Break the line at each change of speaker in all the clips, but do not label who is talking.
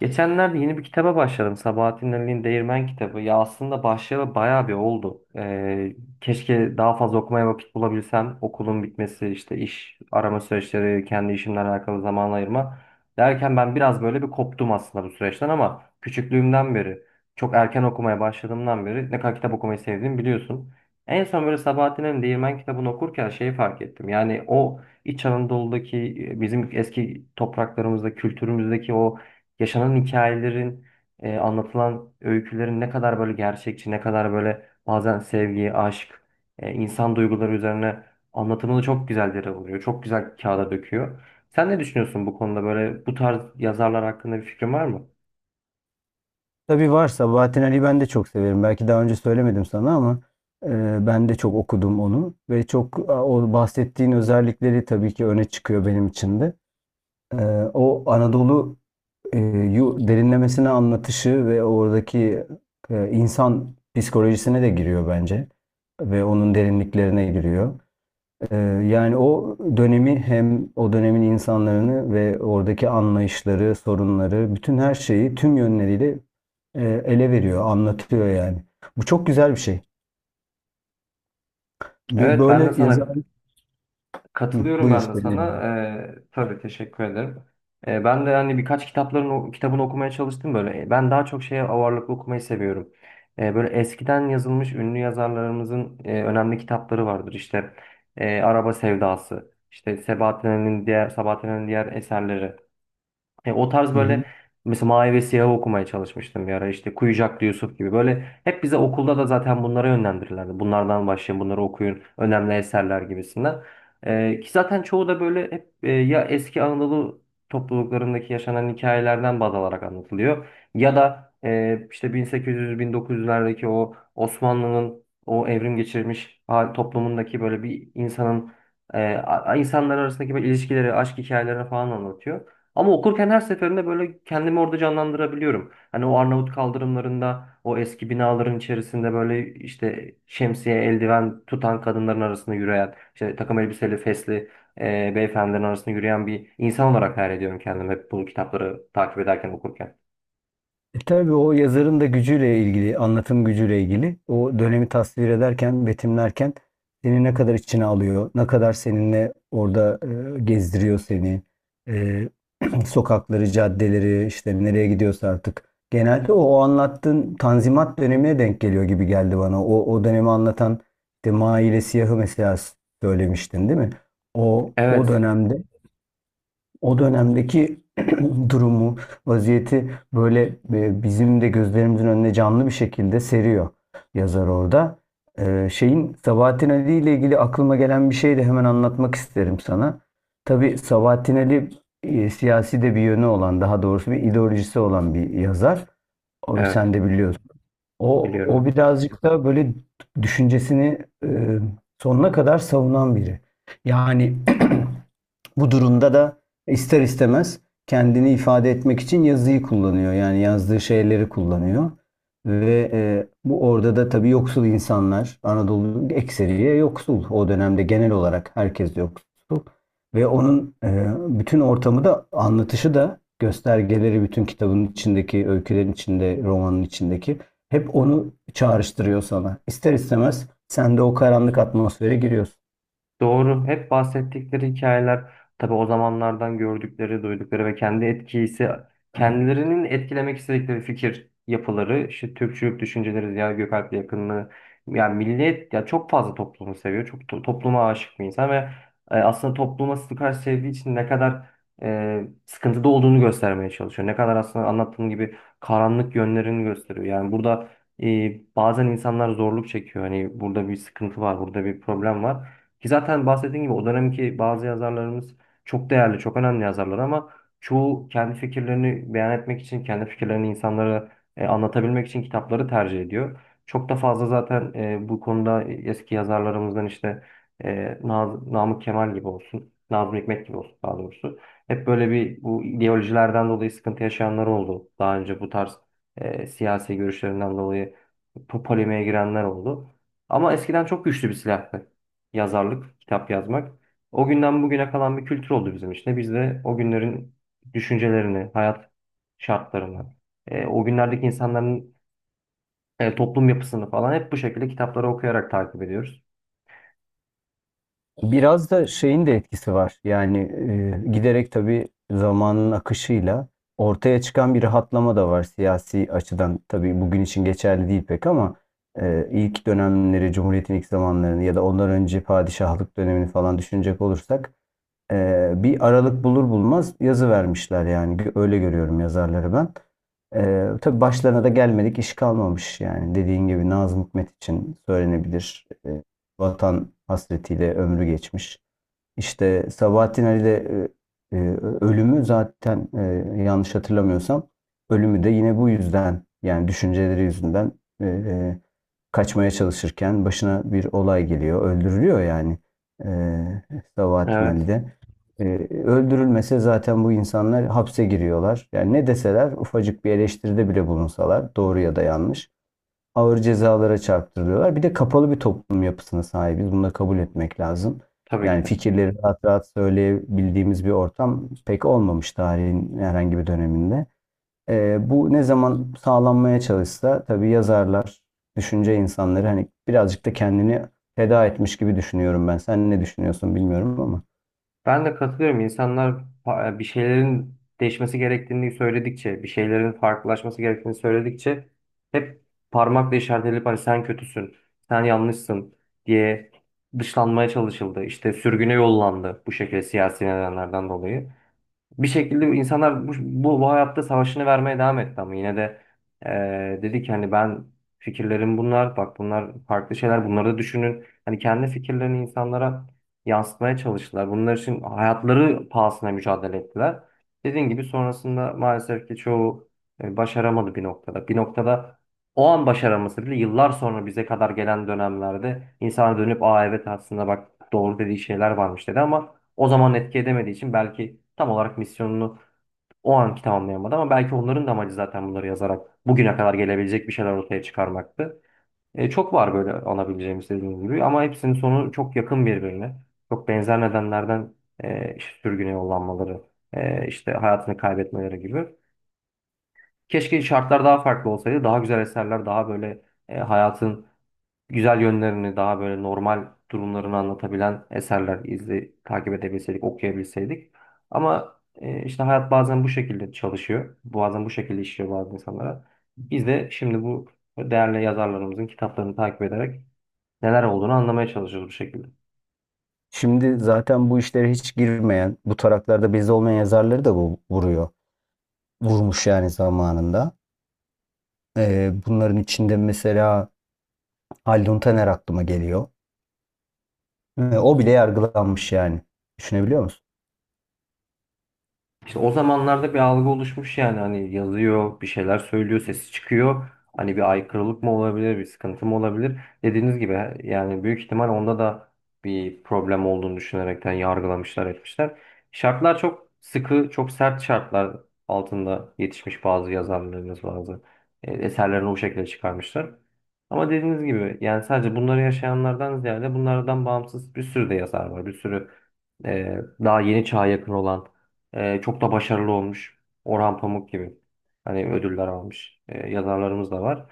Geçenlerde yeni bir kitaba başladım. Sabahattin Ali'nin Değirmen kitabı. Ya aslında başlayalı bayağı bir oldu. Keşke daha fazla okumaya vakit bulabilsem. Okulun bitmesi, işte iş arama süreçleri, kendi işimle alakalı zaman ayırma derken ben biraz böyle bir koptum aslında bu süreçten ama küçüklüğümden beri, çok erken okumaya başladığımdan beri ne kadar kitap okumayı sevdiğimi biliyorsun. En son böyle Sabahattin Ali'nin Değirmen kitabını okurken şeyi fark ettim. Yani o İç Anadolu'daki bizim eski topraklarımızda, kültürümüzdeki o yaşanan hikayelerin, anlatılan öykülerin ne kadar böyle gerçekçi, ne kadar böyle bazen sevgi, aşk, insan duyguları üzerine anlatımını çok güzel yere vuruyor. Çok güzel kağıda döküyor. Sen ne düşünüyorsun bu konuda, böyle bu tarz yazarlar hakkında bir fikrin var mı?
Tabii var. Sabahattin Ali'yi ben de çok severim. Belki daha önce söylemedim sana ama ben de çok okudum onu. Ve çok o bahsettiğin özellikleri tabii ki öne çıkıyor benim için de. E, O Anadolu e, derinlemesine anlatışı ve oradaki insan psikolojisine de giriyor bence. Ve onun derinliklerine giriyor. Ee, Yani o dönemi hem o dönemin insanlarını ve oradaki anlayışları, sorunları, bütün her şeyi tüm yönleriyle ele veriyor, anlatıyor yani. Bu çok güzel bir şey. Ve
Evet, ben de
böyle yazar...
sana
Hı,
katılıyorum
buyur,
ben de
seni
sana. Tabii teşekkür ederim. Ben de hani birkaç kitabını okumaya çalıştım böyle. Ben daha çok şeye ağırlıklı okumayı seviyorum. Böyle eskiden yazılmış ünlü yazarlarımızın önemli kitapları vardır. İşte Araba Sevdası, işte Sabahattin'in diğer eserleri. E, o tarz
dinliyorum.
böyle mesela Mavi ve Siyah'ı okumaya çalışmıştım bir ara. İşte Kuyucaklı Yusuf gibi, böyle hep bize okulda da zaten bunlara yönlendirirlerdi. Bunlardan başlayın, bunları okuyun, önemli eserler gibisinden. Ki zaten çoğu da böyle hep ya eski Anadolu topluluklarındaki yaşanan hikayelerden baz alarak anlatılıyor. Ya da işte 1800-1900'lerdeki o Osmanlı'nın o evrim geçirmiş toplumundaki böyle bir insanın insanlar arasındaki böyle ilişkileri, aşk hikayelerini falan anlatıyor. Ama okurken her seferinde böyle kendimi orada canlandırabiliyorum. Hani o Arnavut kaldırımlarında, o eski binaların içerisinde böyle işte şemsiye, eldiven tutan kadınların arasında yürüyen, işte takım elbiseli, fesli beyefendilerin arasında yürüyen bir insan olarak hayal ediyorum kendimi hep bu kitapları takip ederken, okurken.
E tabii o yazarın da gücüyle ilgili, anlatım gücüyle ilgili. O dönemi tasvir ederken, betimlerken seni ne kadar içine alıyor, ne kadar seninle orada gezdiriyor seni. E, sokakları, caddeleri, işte nereye gidiyorsa artık. Genelde o anlattığın Tanzimat dönemine denk geliyor gibi geldi bana. O dönemi anlatan işte Maile Siyah'ı mesela söylemiştin değil mi? O
Evet,
dönemde o dönemdeki durumu, vaziyeti böyle bizim de gözlerimizin önüne canlı bir şekilde seriyor yazar orada. Şeyin Sabahattin Ali ile ilgili aklıma gelen bir şey de hemen anlatmak isterim sana. Tabii Sabahattin Ali siyasi de bir yönü olan, daha doğrusu bir ideolojisi olan bir yazar. O, sen
evet,
de biliyorsun. O
biliyorum.
birazcık da böyle düşüncesini e, sonuna kadar savunan biri. Yani bu durumda da ister istemez kendini ifade etmek için yazıyı kullanıyor. Yani yazdığı şeyleri kullanıyor. Ve bu orada da tabii yoksul insanlar, Anadolu ekseriye yoksul, o dönemde genel olarak herkes yoksul. Ve onun bütün ortamı da anlatışı da göstergeleri bütün kitabın içindeki, öykülerin içinde, romanın içindeki hep onu çağrıştırıyor sana. İster istemez sen de o karanlık atmosfere giriyorsun.
Doğru. Hep bahsettikleri hikayeler tabii o zamanlardan gördükleri, duydukları ve kendi etkisi, kendilerinin etkilemek istedikleri fikir yapıları, işte Türkçülük düşünceleri, Ziya Gökalp'le yakınlığı, yani millet ya, çok fazla toplumu seviyor. Topluma aşık bir insan ve aslında topluma karşı sevdiği için ne kadar sıkıntıda olduğunu göstermeye çalışıyor. Ne kadar aslında anlattığım gibi karanlık yönlerini gösteriyor. Yani burada, e, bazen insanlar zorluk çekiyor. Hani burada bir sıkıntı var, burada bir problem var. Ki zaten bahsettiğim gibi o dönemki bazı yazarlarımız çok değerli, çok önemli yazarlar ama çoğu kendi fikirlerini beyan etmek için, kendi fikirlerini insanlara anlatabilmek için kitapları tercih ediyor. Çok da fazla zaten bu konuda eski yazarlarımızdan işte Namık Kemal gibi olsun, Nazım Hikmet gibi olsun daha doğrusu. Hep böyle bir bu ideolojilerden dolayı sıkıntı yaşayanlar oldu. Daha önce bu tarz siyasi görüşlerinden dolayı polemiğe girenler oldu. Ama eskiden çok güçlü bir silah yazarlık, kitap yazmak. O günden bugüne kalan bir kültür oldu bizim işte. Biz de o günlerin düşüncelerini, hayat şartlarını, o günlerdeki insanların toplum yapısını falan hep bu şekilde kitapları okuyarak takip ediyoruz.
Biraz da şeyin de etkisi var. Yani giderek tabii zamanın akışıyla ortaya çıkan bir rahatlama da var siyasi açıdan. Tabii bugün için geçerli değil pek ama ilk dönemleri, Cumhuriyet'in ilk zamanlarını ya da ondan önce padişahlık dönemini falan düşünecek olursak bir aralık bulur bulmaz yazı vermişler yani. Öyle görüyorum yazarları ben. Tabii başlarına da gelmedik iş kalmamış yani. Dediğin gibi Nazım Hikmet için söylenebilir. Vatan hasretiyle ömrü geçmiş. İşte Sabahattin Ali'de e, e, ölümü zaten yanlış hatırlamıyorsam ölümü de yine bu yüzden, yani düşünceleri yüzünden e, e, kaçmaya çalışırken başına bir olay geliyor. Öldürülüyor yani e, Sabahattin
Evet,
Ali'de. E, Öldürülmese zaten bu insanlar hapse giriyorlar. Yani ne deseler, ufacık bir eleştiride bile bulunsalar, doğru ya da yanlış, ağır cezalara çarptırıyorlar. Bir de kapalı bir toplum yapısına sahibiz. Bunu da kabul etmek lazım.
tabii ki
Yani
de.
fikirleri rahat rahat söyleyebildiğimiz bir ortam pek olmamış tarihin herhangi bir döneminde. Bu ne zaman sağlanmaya çalışsa tabii yazarlar, düşünce insanları hani birazcık da kendini feda etmiş gibi düşünüyorum ben. Sen ne düşünüyorsun bilmiyorum ama.
Ben de katılıyorum. İnsanlar bir şeylerin değişmesi gerektiğini söyledikçe, bir şeylerin farklılaşması gerektiğini söyledikçe hep parmakla işaret edilip hani sen kötüsün, sen yanlışsın diye dışlanmaya çalışıldı. İşte sürgüne yollandı, bu şekilde siyasi nedenlerden dolayı bir şekilde insanlar bu hayatta savaşını vermeye devam etti ama yine de dedi ki hani ben, fikirlerim bunlar, bak bunlar farklı şeyler, bunları da düşünün. Hani kendi fikirlerini insanlara yansıtmaya çalıştılar. Bunlar için hayatları pahasına mücadele ettiler. Dediğim gibi sonrasında maalesef ki çoğu başaramadı bir noktada. Bir noktada o an başaraması bile yıllar sonra bize kadar gelen dönemlerde insana dönüp aa evet aslında bak doğru dediği şeyler varmış dedi ama o zaman etki edemediği için belki tam olarak misyonunu o anki tamamlayamadı ama belki onların da amacı zaten bunları yazarak bugüne kadar gelebilecek bir şeyler ortaya çıkarmaktı. Çok var böyle alabileceğimiz dediğim gibi ama hepsinin sonu çok yakın birbirine. Çok benzer nedenlerden işte sürgüne yollanmaları, işte hayatını kaybetmeleri gibi. Keşke şartlar daha farklı olsaydı. Daha güzel eserler, daha böyle hayatın güzel yönlerini, daha böyle normal durumlarını anlatabilen eserler izle takip edebilseydik, okuyabilseydik. Ama işte hayat bazen bu şekilde çalışıyor. Bazen bu şekilde işliyor bazı insanlara. Biz de şimdi bu değerli yazarlarımızın kitaplarını takip ederek neler olduğunu anlamaya çalışıyoruz bu şekilde.
Şimdi zaten bu işlere hiç girmeyen, bu taraklarda bizde olmayan yazarları da bu vuruyor. Vurmuş yani zamanında. Bunların içinde mesela Haldun Taner aklıma geliyor. O bile yargılanmış yani. Düşünebiliyor musun?
İşte o zamanlarda bir algı oluşmuş yani, hani yazıyor, bir şeyler söylüyor, sesi çıkıyor. Hani bir aykırılık mı olabilir, bir sıkıntı mı olabilir? Dediğiniz gibi yani büyük ihtimal onda da bir problem olduğunu düşünerekten yargılamışlar, etmişler. Şartlar çok sıkı, çok sert şartlar altında yetişmiş bazı yazarlarımız, bazı eserlerini o şekilde çıkarmışlar. Ama dediğiniz gibi yani sadece bunları yaşayanlardan ziyade bunlardan bağımsız bir sürü de yazar var. Bir sürü e, daha yeni çağa yakın olan çok da başarılı olmuş. Orhan Pamuk gibi. Hani ödüller almış. Yazarlarımız da var.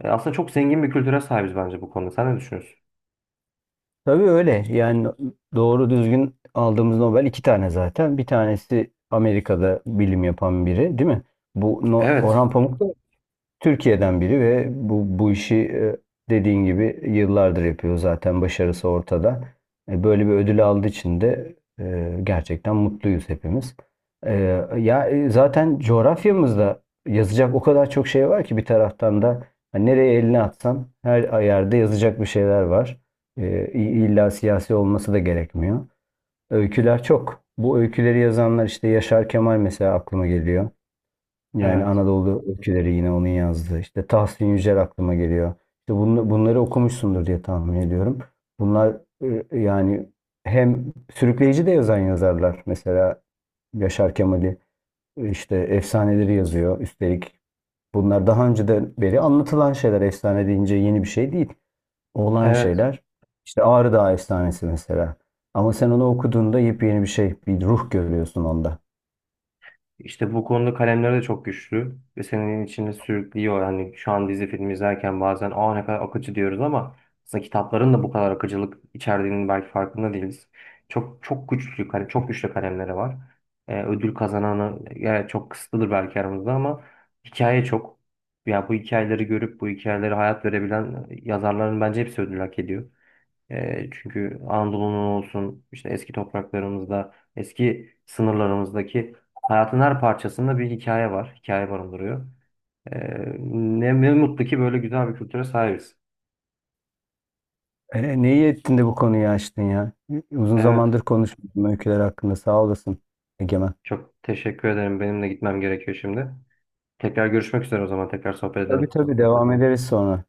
Aslında çok zengin bir kültüre sahibiz bence bu konuda. Sen ne düşünüyorsun?
Tabii öyle. Yani doğru düzgün aldığımız Nobel iki tane zaten. Bir tanesi Amerika'da bilim yapan biri, değil mi? Bu No-
Evet.
Orhan Pamuk da Türkiye'den biri ve bu işi dediğin gibi yıllardır yapıyor, zaten başarısı ortada. E, böyle bir ödül aldığı için de gerçekten mutluyuz hepimiz. E, Ya, zaten coğrafyamızda yazacak o kadar çok şey var ki, bir taraftan da hani nereye elini atsan her yerde yazacak bir şeyler var. E, İlla siyasi olması da gerekmiyor. Öyküler çok. Bu öyküleri yazanlar işte Yaşar Kemal mesela aklıma geliyor. Yani
Evet.
Anadolu Öyküleri yine onun yazdığı. İşte Tahsin Yücel aklıma geliyor. İşte bunları okumuşsundur diye tahmin ediyorum. Bunlar yani hem sürükleyici de yazan yazarlar. Mesela Yaşar Kemal'i işte efsaneleri yazıyor. Üstelik bunlar daha önceden beri anlatılan şeyler. Efsane deyince yeni bir şey değil. Olan
Evet.
şeyler. İşte Ağrı Dağı Efsanesi mesela. Ama sen onu okuduğunda yepyeni bir şey, bir ruh görüyorsun onda.
İşte bu konuda kalemleri de çok güçlü ve senin içinde sürüklüyor. Hani şu an dizi film izlerken bazen aa ne kadar akıcı diyoruz ama aslında kitapların da bu kadar akıcılık içerdiğinin belki farkında değiliz. Çok çok güçlü çok güçlü kalemleri var. Ödül kazananı yani çok kısıtlıdır belki aramızda ama hikaye çok. Ya bu hikayeleri görüp bu hikayeleri hayat verebilen yazarların bence hepsi ödül hak ediyor. Çünkü Anadolu'nun olsun, işte eski topraklarımızda, eski sınırlarımızdaki hayatın her parçasında bir hikaye var. Hikaye barındırıyor. E, ne mutlu ki böyle güzel bir kültüre sahibiz.
E, neyi ettin de bu konuyu açtın ya? Uzun zamandır
Evet,
konuşmuyordum öyküler hakkında. Sağ olasın Egemen.
çok teşekkür ederim. Benim de gitmem gerekiyor şimdi. Tekrar görüşmek üzere o zaman. Tekrar sohbet
Tabii
edelim.
tabii, devam ederiz sonra.